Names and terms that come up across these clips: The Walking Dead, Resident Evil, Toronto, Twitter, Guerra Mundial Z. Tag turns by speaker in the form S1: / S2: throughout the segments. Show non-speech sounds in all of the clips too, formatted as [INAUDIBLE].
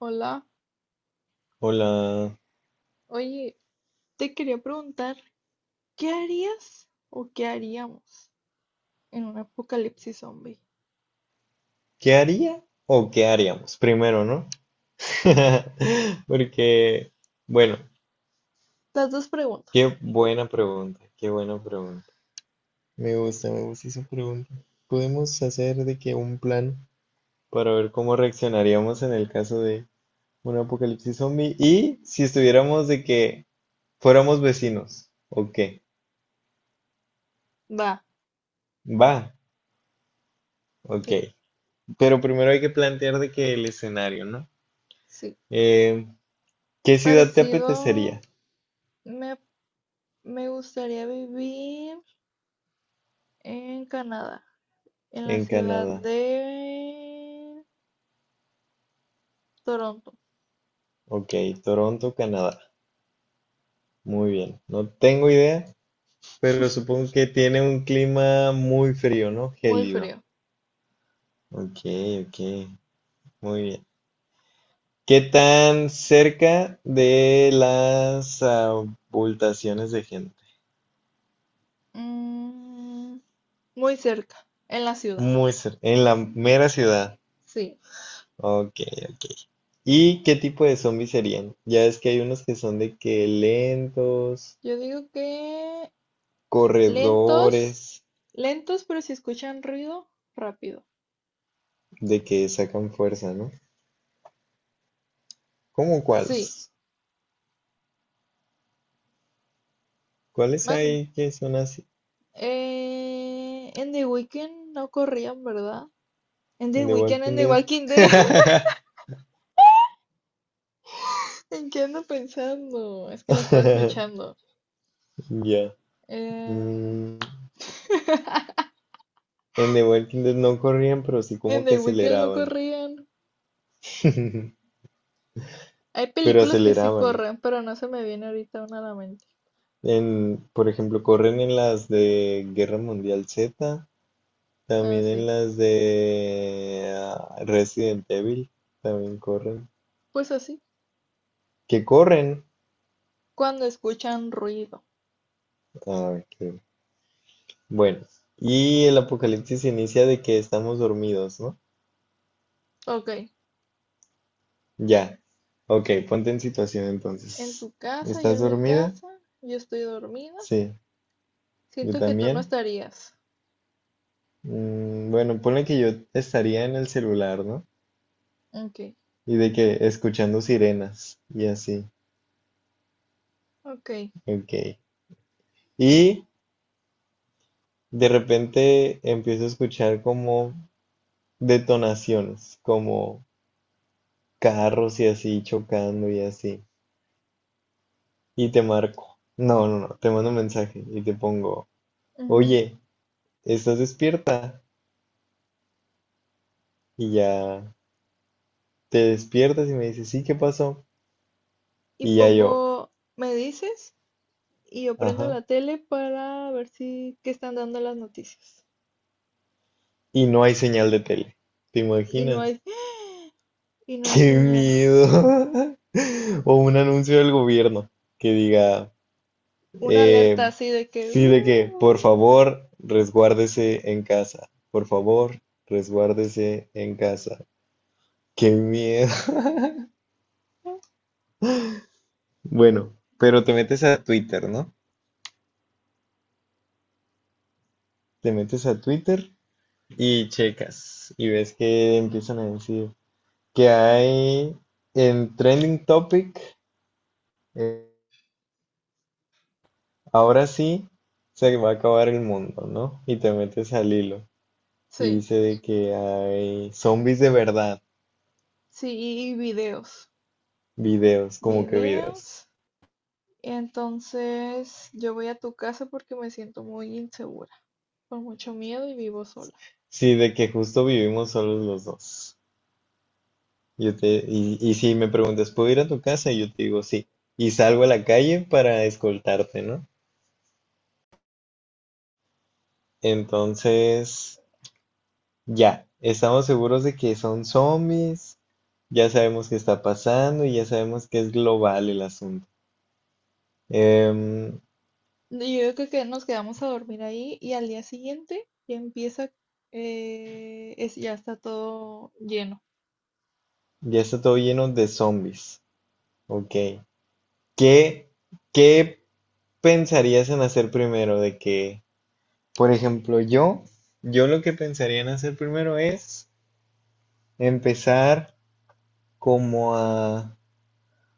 S1: Hola,
S2: Hola,
S1: oye, te quería preguntar, ¿qué harías o qué haríamos en un apocalipsis zombie?
S2: ¿qué haría o qué haríamos? Primero, ¿no? [LAUGHS] Porque, bueno,
S1: Las dos
S2: qué
S1: preguntas.
S2: buena pregunta, qué buena pregunta. Me gusta esa pregunta. Podemos hacer de que un plan para ver cómo reaccionaríamos en el caso de un apocalipsis zombie y si estuviéramos de que fuéramos vecinos, ¿o qué?
S1: Va,
S2: Va, ok.
S1: sí,
S2: Pero primero hay que plantear de que el escenario, ¿no?
S1: sí.
S2: Eh, ¿Qué ciudad te apetecería
S1: Parecido, me, me gustaría vivir en Canadá, en la
S2: en
S1: ciudad
S2: Canadá?
S1: de Toronto.
S2: Ok, Toronto, Canadá. Muy bien. No tengo idea, pero supongo que tiene un clima muy frío, ¿no?
S1: Muy
S2: Gélido.
S1: frío.
S2: Ok, ok. Muy bien. ¿Qué tan cerca de las abultaciones de gente?
S1: Mm, muy cerca, en la ciudad.
S2: Muy cerca. En la mera ciudad.
S1: Sí,
S2: Ok, ok. ¿Y qué tipo de zombies serían? Ya es que hay unos que son de que lentos,
S1: yo digo que lentos,
S2: corredores,
S1: lentos, pero si escuchan ruido, rápido.
S2: de que sacan fuerza, ¿no? ¿Cómo
S1: Sí,
S2: cuáles? ¿Cuáles
S1: man,
S2: hay que son así?
S1: en The Weeknd no corrían, ¿verdad? En The
S2: En The
S1: Weeknd, en
S2: Walking
S1: The Walking Dead, [LAUGHS]
S2: Dead. [LAUGHS]
S1: ¿en qué ando pensando? Es que la estaba escuchando.
S2: Ya.
S1: Eh,
S2: Mm,
S1: [LAUGHS]
S2: En The Walking Dead no corrían, pero sí
S1: en
S2: como que
S1: The Weeknd no
S2: aceleraban.
S1: corrían.
S2: [LAUGHS]
S1: Hay
S2: Pero
S1: películas que sí
S2: aceleraban.
S1: corren, pero no se me viene ahorita una a la mente.
S2: En, por ejemplo, corren en las de Guerra Mundial Z,
S1: Ah,
S2: también en
S1: sí,
S2: las de ah, Resident Evil, también corren.
S1: pues así,
S2: ¿Qué corren?
S1: cuando escuchan ruido.
S2: Ah, qué. Bueno, y el apocalipsis se inicia de que estamos dormidos, ¿no?
S1: Ok,
S2: Ya, ok, ponte en situación
S1: en
S2: entonces.
S1: tu casa, yo
S2: ¿Estás
S1: en mi
S2: dormida?
S1: casa, yo estoy dormida.
S2: Sí, yo
S1: Siento que tú no
S2: también.
S1: estarías.
S2: Mm, bueno, ponle que yo estaría en el celular, ¿no?
S1: Ok,
S2: Y de que escuchando sirenas y así,
S1: ok.
S2: ok. Y de repente empiezo a escuchar como detonaciones, como carros y así chocando y así. Y te marco. No, no, no, te mando un mensaje y te pongo,
S1: Ujú.
S2: oye, ¿estás despierta? Y ya. Te despiertas y me dices, sí, ¿qué pasó?
S1: Y
S2: Y ya yo,
S1: pongo, me dices, y yo prendo
S2: ajá.
S1: la tele para ver si qué están dando las noticias.
S2: Y no hay señal de tele. ¿Te
S1: Y no
S2: imaginas?
S1: hay, y
S2: [LAUGHS]
S1: no hay
S2: ¡Qué
S1: señal.
S2: miedo! [LAUGHS] O un anuncio del gobierno que diga,
S1: Una alerta
S2: eh,
S1: así de que,
S2: sí, de que, por
S1: "Uh".
S2: favor, resguárdese en casa. Por favor, resguárdese en casa. ¡Qué miedo! [LAUGHS] Bueno, pero te metes a Twitter, ¿no? Te metes a Twitter y checas y ves que empiezan a decir que hay en Trending Topic, eh, ahora sí se va a acabar el mundo, ¿no? Y te metes al hilo y
S1: Sí,
S2: dice de que hay zombies de verdad,
S1: sí, y videos,
S2: videos, como que
S1: videos.
S2: vidas.
S1: Y entonces yo voy a tu casa porque me siento muy insegura, con mucho miedo y vivo sola.
S2: Sí, de que justo vivimos solos los dos. Y si me preguntas, ¿puedo ir a tu casa? Y yo te digo sí. Y salgo a la calle para escoltarte, ¿no? Entonces, ya, estamos seguros de que son zombies, ya sabemos qué está pasando y ya sabemos que es global el asunto. Em,
S1: Y yo creo que nos quedamos a dormir ahí y al día siguiente ya empieza, ya está todo lleno.
S2: ya está todo lleno de zombies. Ok. ¿Qué, qué pensarías en hacer primero? De que, por ejemplo, yo lo que pensaría en hacer primero es empezar como a,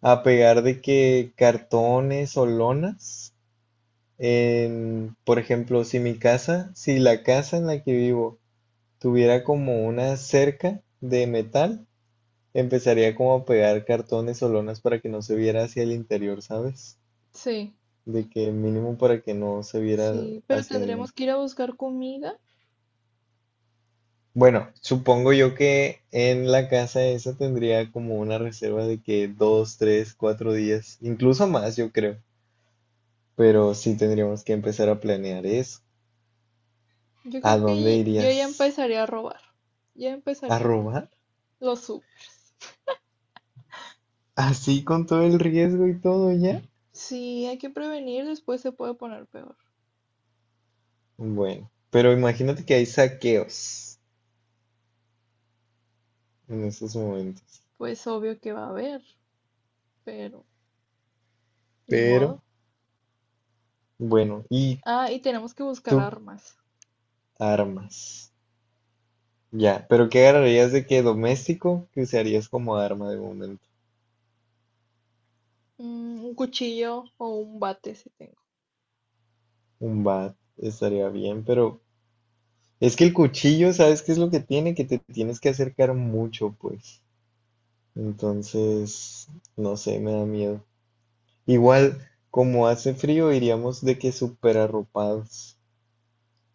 S2: a pegar de que cartones o lonas. En, por ejemplo, si mi casa, si la casa en la que vivo tuviera como una cerca de metal, empezaría como a pegar cartones o lonas para que no se viera hacia el interior, ¿sabes?
S1: Sí.
S2: De que mínimo para que no se viera
S1: Sí, pero
S2: hacia
S1: tendremos
S2: adentro.
S1: que ir a buscar comida.
S2: Bueno, supongo yo que en la casa esa tendría como una reserva de que dos, tres, cuatro días, incluso más, yo creo. Pero sí tendríamos que empezar a planear eso.
S1: Yo
S2: ¿A
S1: creo
S2: dónde
S1: que yo ya
S2: irías?
S1: empezaré a robar. Ya
S2: ¿A
S1: empezaré a robar.
S2: robar?
S1: Lo supe.
S2: Así con todo el riesgo y todo ya.
S1: Sí, hay que prevenir, después se puede poner peor.
S2: Bueno, pero imagínate que hay saqueos en estos momentos.
S1: Pues obvio que va a haber, pero ni modo.
S2: Pero, bueno, y
S1: Ah, y tenemos que buscar
S2: tú
S1: armas.
S2: armas. Ya, pero ¿qué agarrarías de qué doméstico que usarías como arma de momento?
S1: Mm, un cuchillo o un bate si tengo.
S2: Un bat estaría bien, pero es que el cuchillo, ¿sabes qué es lo que tiene? Que te tienes que acercar mucho, pues. Entonces, no sé, me da miedo. Igual, como hace frío, iríamos de que súper arropados.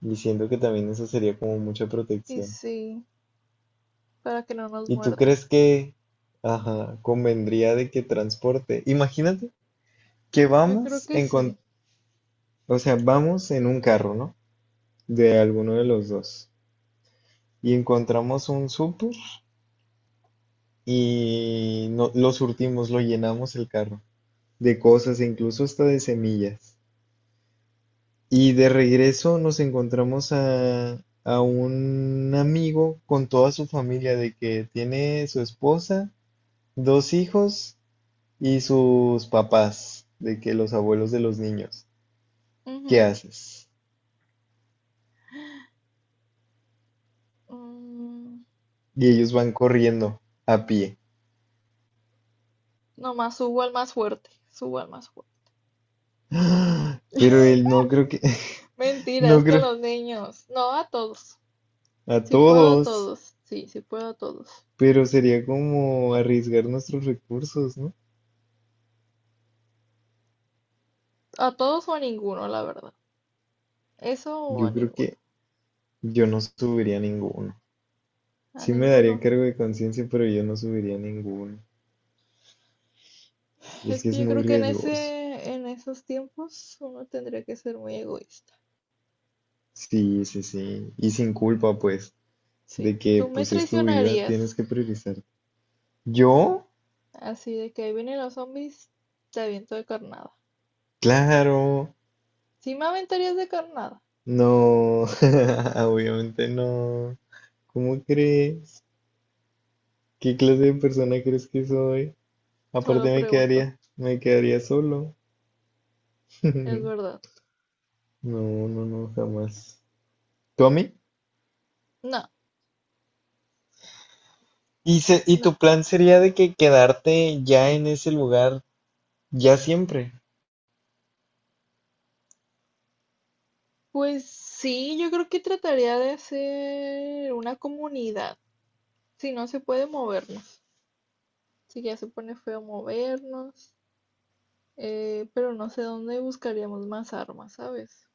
S2: Y siento que también eso sería como mucha
S1: Y
S2: protección.
S1: sí, para que no nos
S2: ¿Y tú
S1: muerdan.
S2: crees que, ajá, convendría de que transporte? Imagínate que
S1: Yo creo
S2: vamos
S1: que
S2: en,
S1: sí.
S2: o sea, vamos en un carro, ¿no? De alguno de los dos. Y encontramos un súper y no, lo surtimos, lo llenamos el carro de cosas, e incluso hasta de semillas. Y de regreso nos encontramos a un amigo con toda su familia, de que tiene su esposa, dos hijos y sus papás, de que los abuelos de los niños. ¿Qué
S1: Ujú.
S2: haces?
S1: Mm,
S2: Y ellos van corriendo a pie.
S1: nomás subo al más fuerte. Subo al más fuerte.
S2: [GASPS] Pero él no creo que, [LAUGHS] no
S1: Mentiras, con
S2: creo,
S1: los niños. No a todos.
S2: a
S1: Si puedo a
S2: todos,
S1: todos, sí, si puedo a todos.
S2: pero sería como arriesgar nuestros recursos, ¿no?
S1: A todos o a ninguno, la verdad. Eso o
S2: Yo
S1: a
S2: creo
S1: ninguno.
S2: que yo no subiría ninguno.
S1: A
S2: Sí me
S1: ninguno.
S2: daría cargo de conciencia, pero yo no subiría ninguno. Es
S1: Es
S2: que
S1: que
S2: es
S1: yo
S2: muy
S1: creo que
S2: riesgoso.
S1: en esos tiempos uno tendría que ser muy egoísta.
S2: Sí, sí, sí. Y sin culpa, pues,
S1: Sí.
S2: de que
S1: Tú me
S2: pues si es tu vida,
S1: traicionarías.
S2: tienes que priorizar. ¿Yo?
S1: Así de que ahí vienen los zombies, te aviento de carnada.
S2: Claro,
S1: ¿Sí me aventarías de carnada?
S2: no, [LAUGHS] obviamente no. ¿Cómo crees? ¿Qué clase de persona crees que soy?
S1: Solo
S2: Aparte me
S1: pregunto.
S2: quedaría, me quedaría solo.
S1: Es
S2: [LAUGHS]
S1: verdad.
S2: No, no, no, jamás. ¿Tú a mí?
S1: No,
S2: ¿Y, y
S1: no.
S2: tu plan sería de que quedarte ya en ese lugar, ya siempre?
S1: Pues sí, yo creo que trataría de hacer una comunidad. Si no se puede movernos. Así que ya se pone feo movernos, pero no sé dónde buscaríamos más armas, ¿sabes?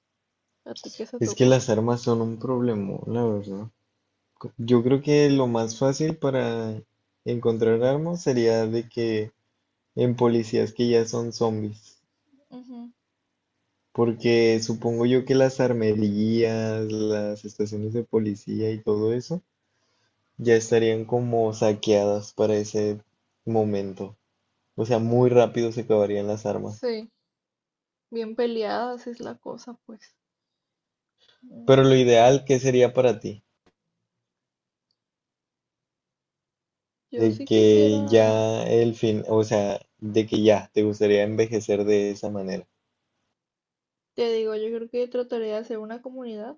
S1: ¿A ti qué se te
S2: Es que
S1: ocurre?
S2: las armas son un problema, la verdad. Yo creo que lo más fácil para encontrar armas sería de que en policías que ya son zombies.
S1: Ujú.
S2: Porque supongo yo que las armerías, las estaciones de policía y todo eso ya estarían como saqueadas para ese momento. O sea, muy rápido se acabarían las armas.
S1: Sí, bien peleadas es la cosa, pues.
S2: Pero
S1: Mm,
S2: lo ideal, ¿qué sería para ti?
S1: yo
S2: De
S1: sí
S2: que
S1: quisiera,
S2: ya el fin, o sea, de que ya te gustaría envejecer de esa manera.
S1: te digo, yo creo que trataría de hacer una comunidad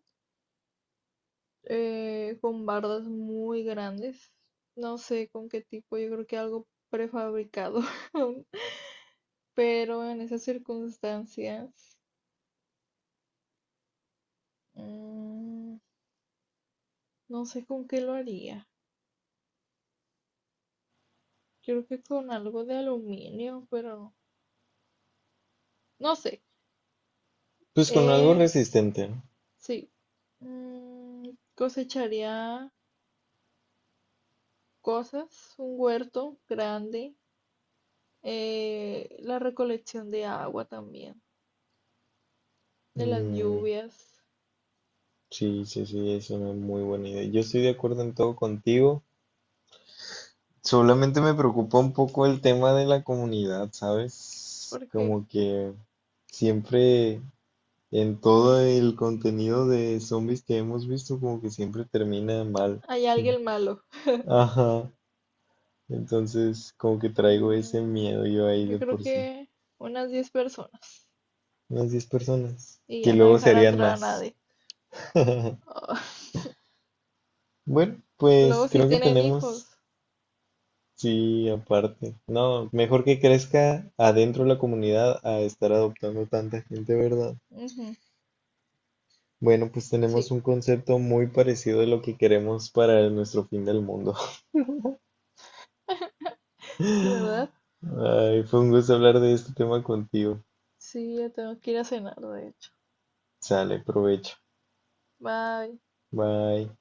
S1: con bardas muy grandes. No sé con qué tipo, yo creo que algo prefabricado. [LAUGHS] Pero en esas circunstancias, mm, no sé con qué lo haría. Creo que con algo de aluminio, pero no sé.
S2: Pues con algo
S1: Eh,
S2: resistente, ¿no?
S1: sí. Mm, cosecharía cosas, un huerto grande, la recolección de agua también, de las
S2: Mm,
S1: lluvias,
S2: sí, sí, sí, es una muy buena idea. Yo estoy de acuerdo en todo contigo. Solamente me preocupa un poco el tema de la comunidad, ¿sabes?
S1: porque
S2: Como que siempre en todo el contenido de zombies que hemos visto, como que siempre termina mal.
S1: hay
S2: [LAUGHS]
S1: alguien malo.
S2: Ajá. Entonces, como que traigo ese
S1: Mm,
S2: miedo yo ahí
S1: yo
S2: de
S1: creo
S2: por sí.
S1: que unas 10 personas
S2: Unas 10 personas.
S1: y
S2: Que
S1: ya no
S2: luego
S1: dejar
S2: serían
S1: entrar a
S2: más.
S1: nadie.
S2: [LAUGHS]
S1: Ah, [LAUGHS]
S2: Bueno, pues
S1: Luego si
S2: creo que
S1: tienen
S2: tenemos,
S1: hijos.
S2: sí, aparte. No, mejor que crezca adentro de la comunidad a estar adoptando tanta gente, ¿verdad?
S1: Ujú,
S2: Bueno, pues tenemos
S1: sí,
S2: un concepto muy parecido de lo que queremos para nuestro fin del mundo. [LAUGHS]
S1: sí, ¿verdad?
S2: Ay, fue un gusto hablar de este tema contigo.
S1: Sí, ya tengo que ir a cenar, de hecho.
S2: Sale, provecho.
S1: Bye.
S2: Bye.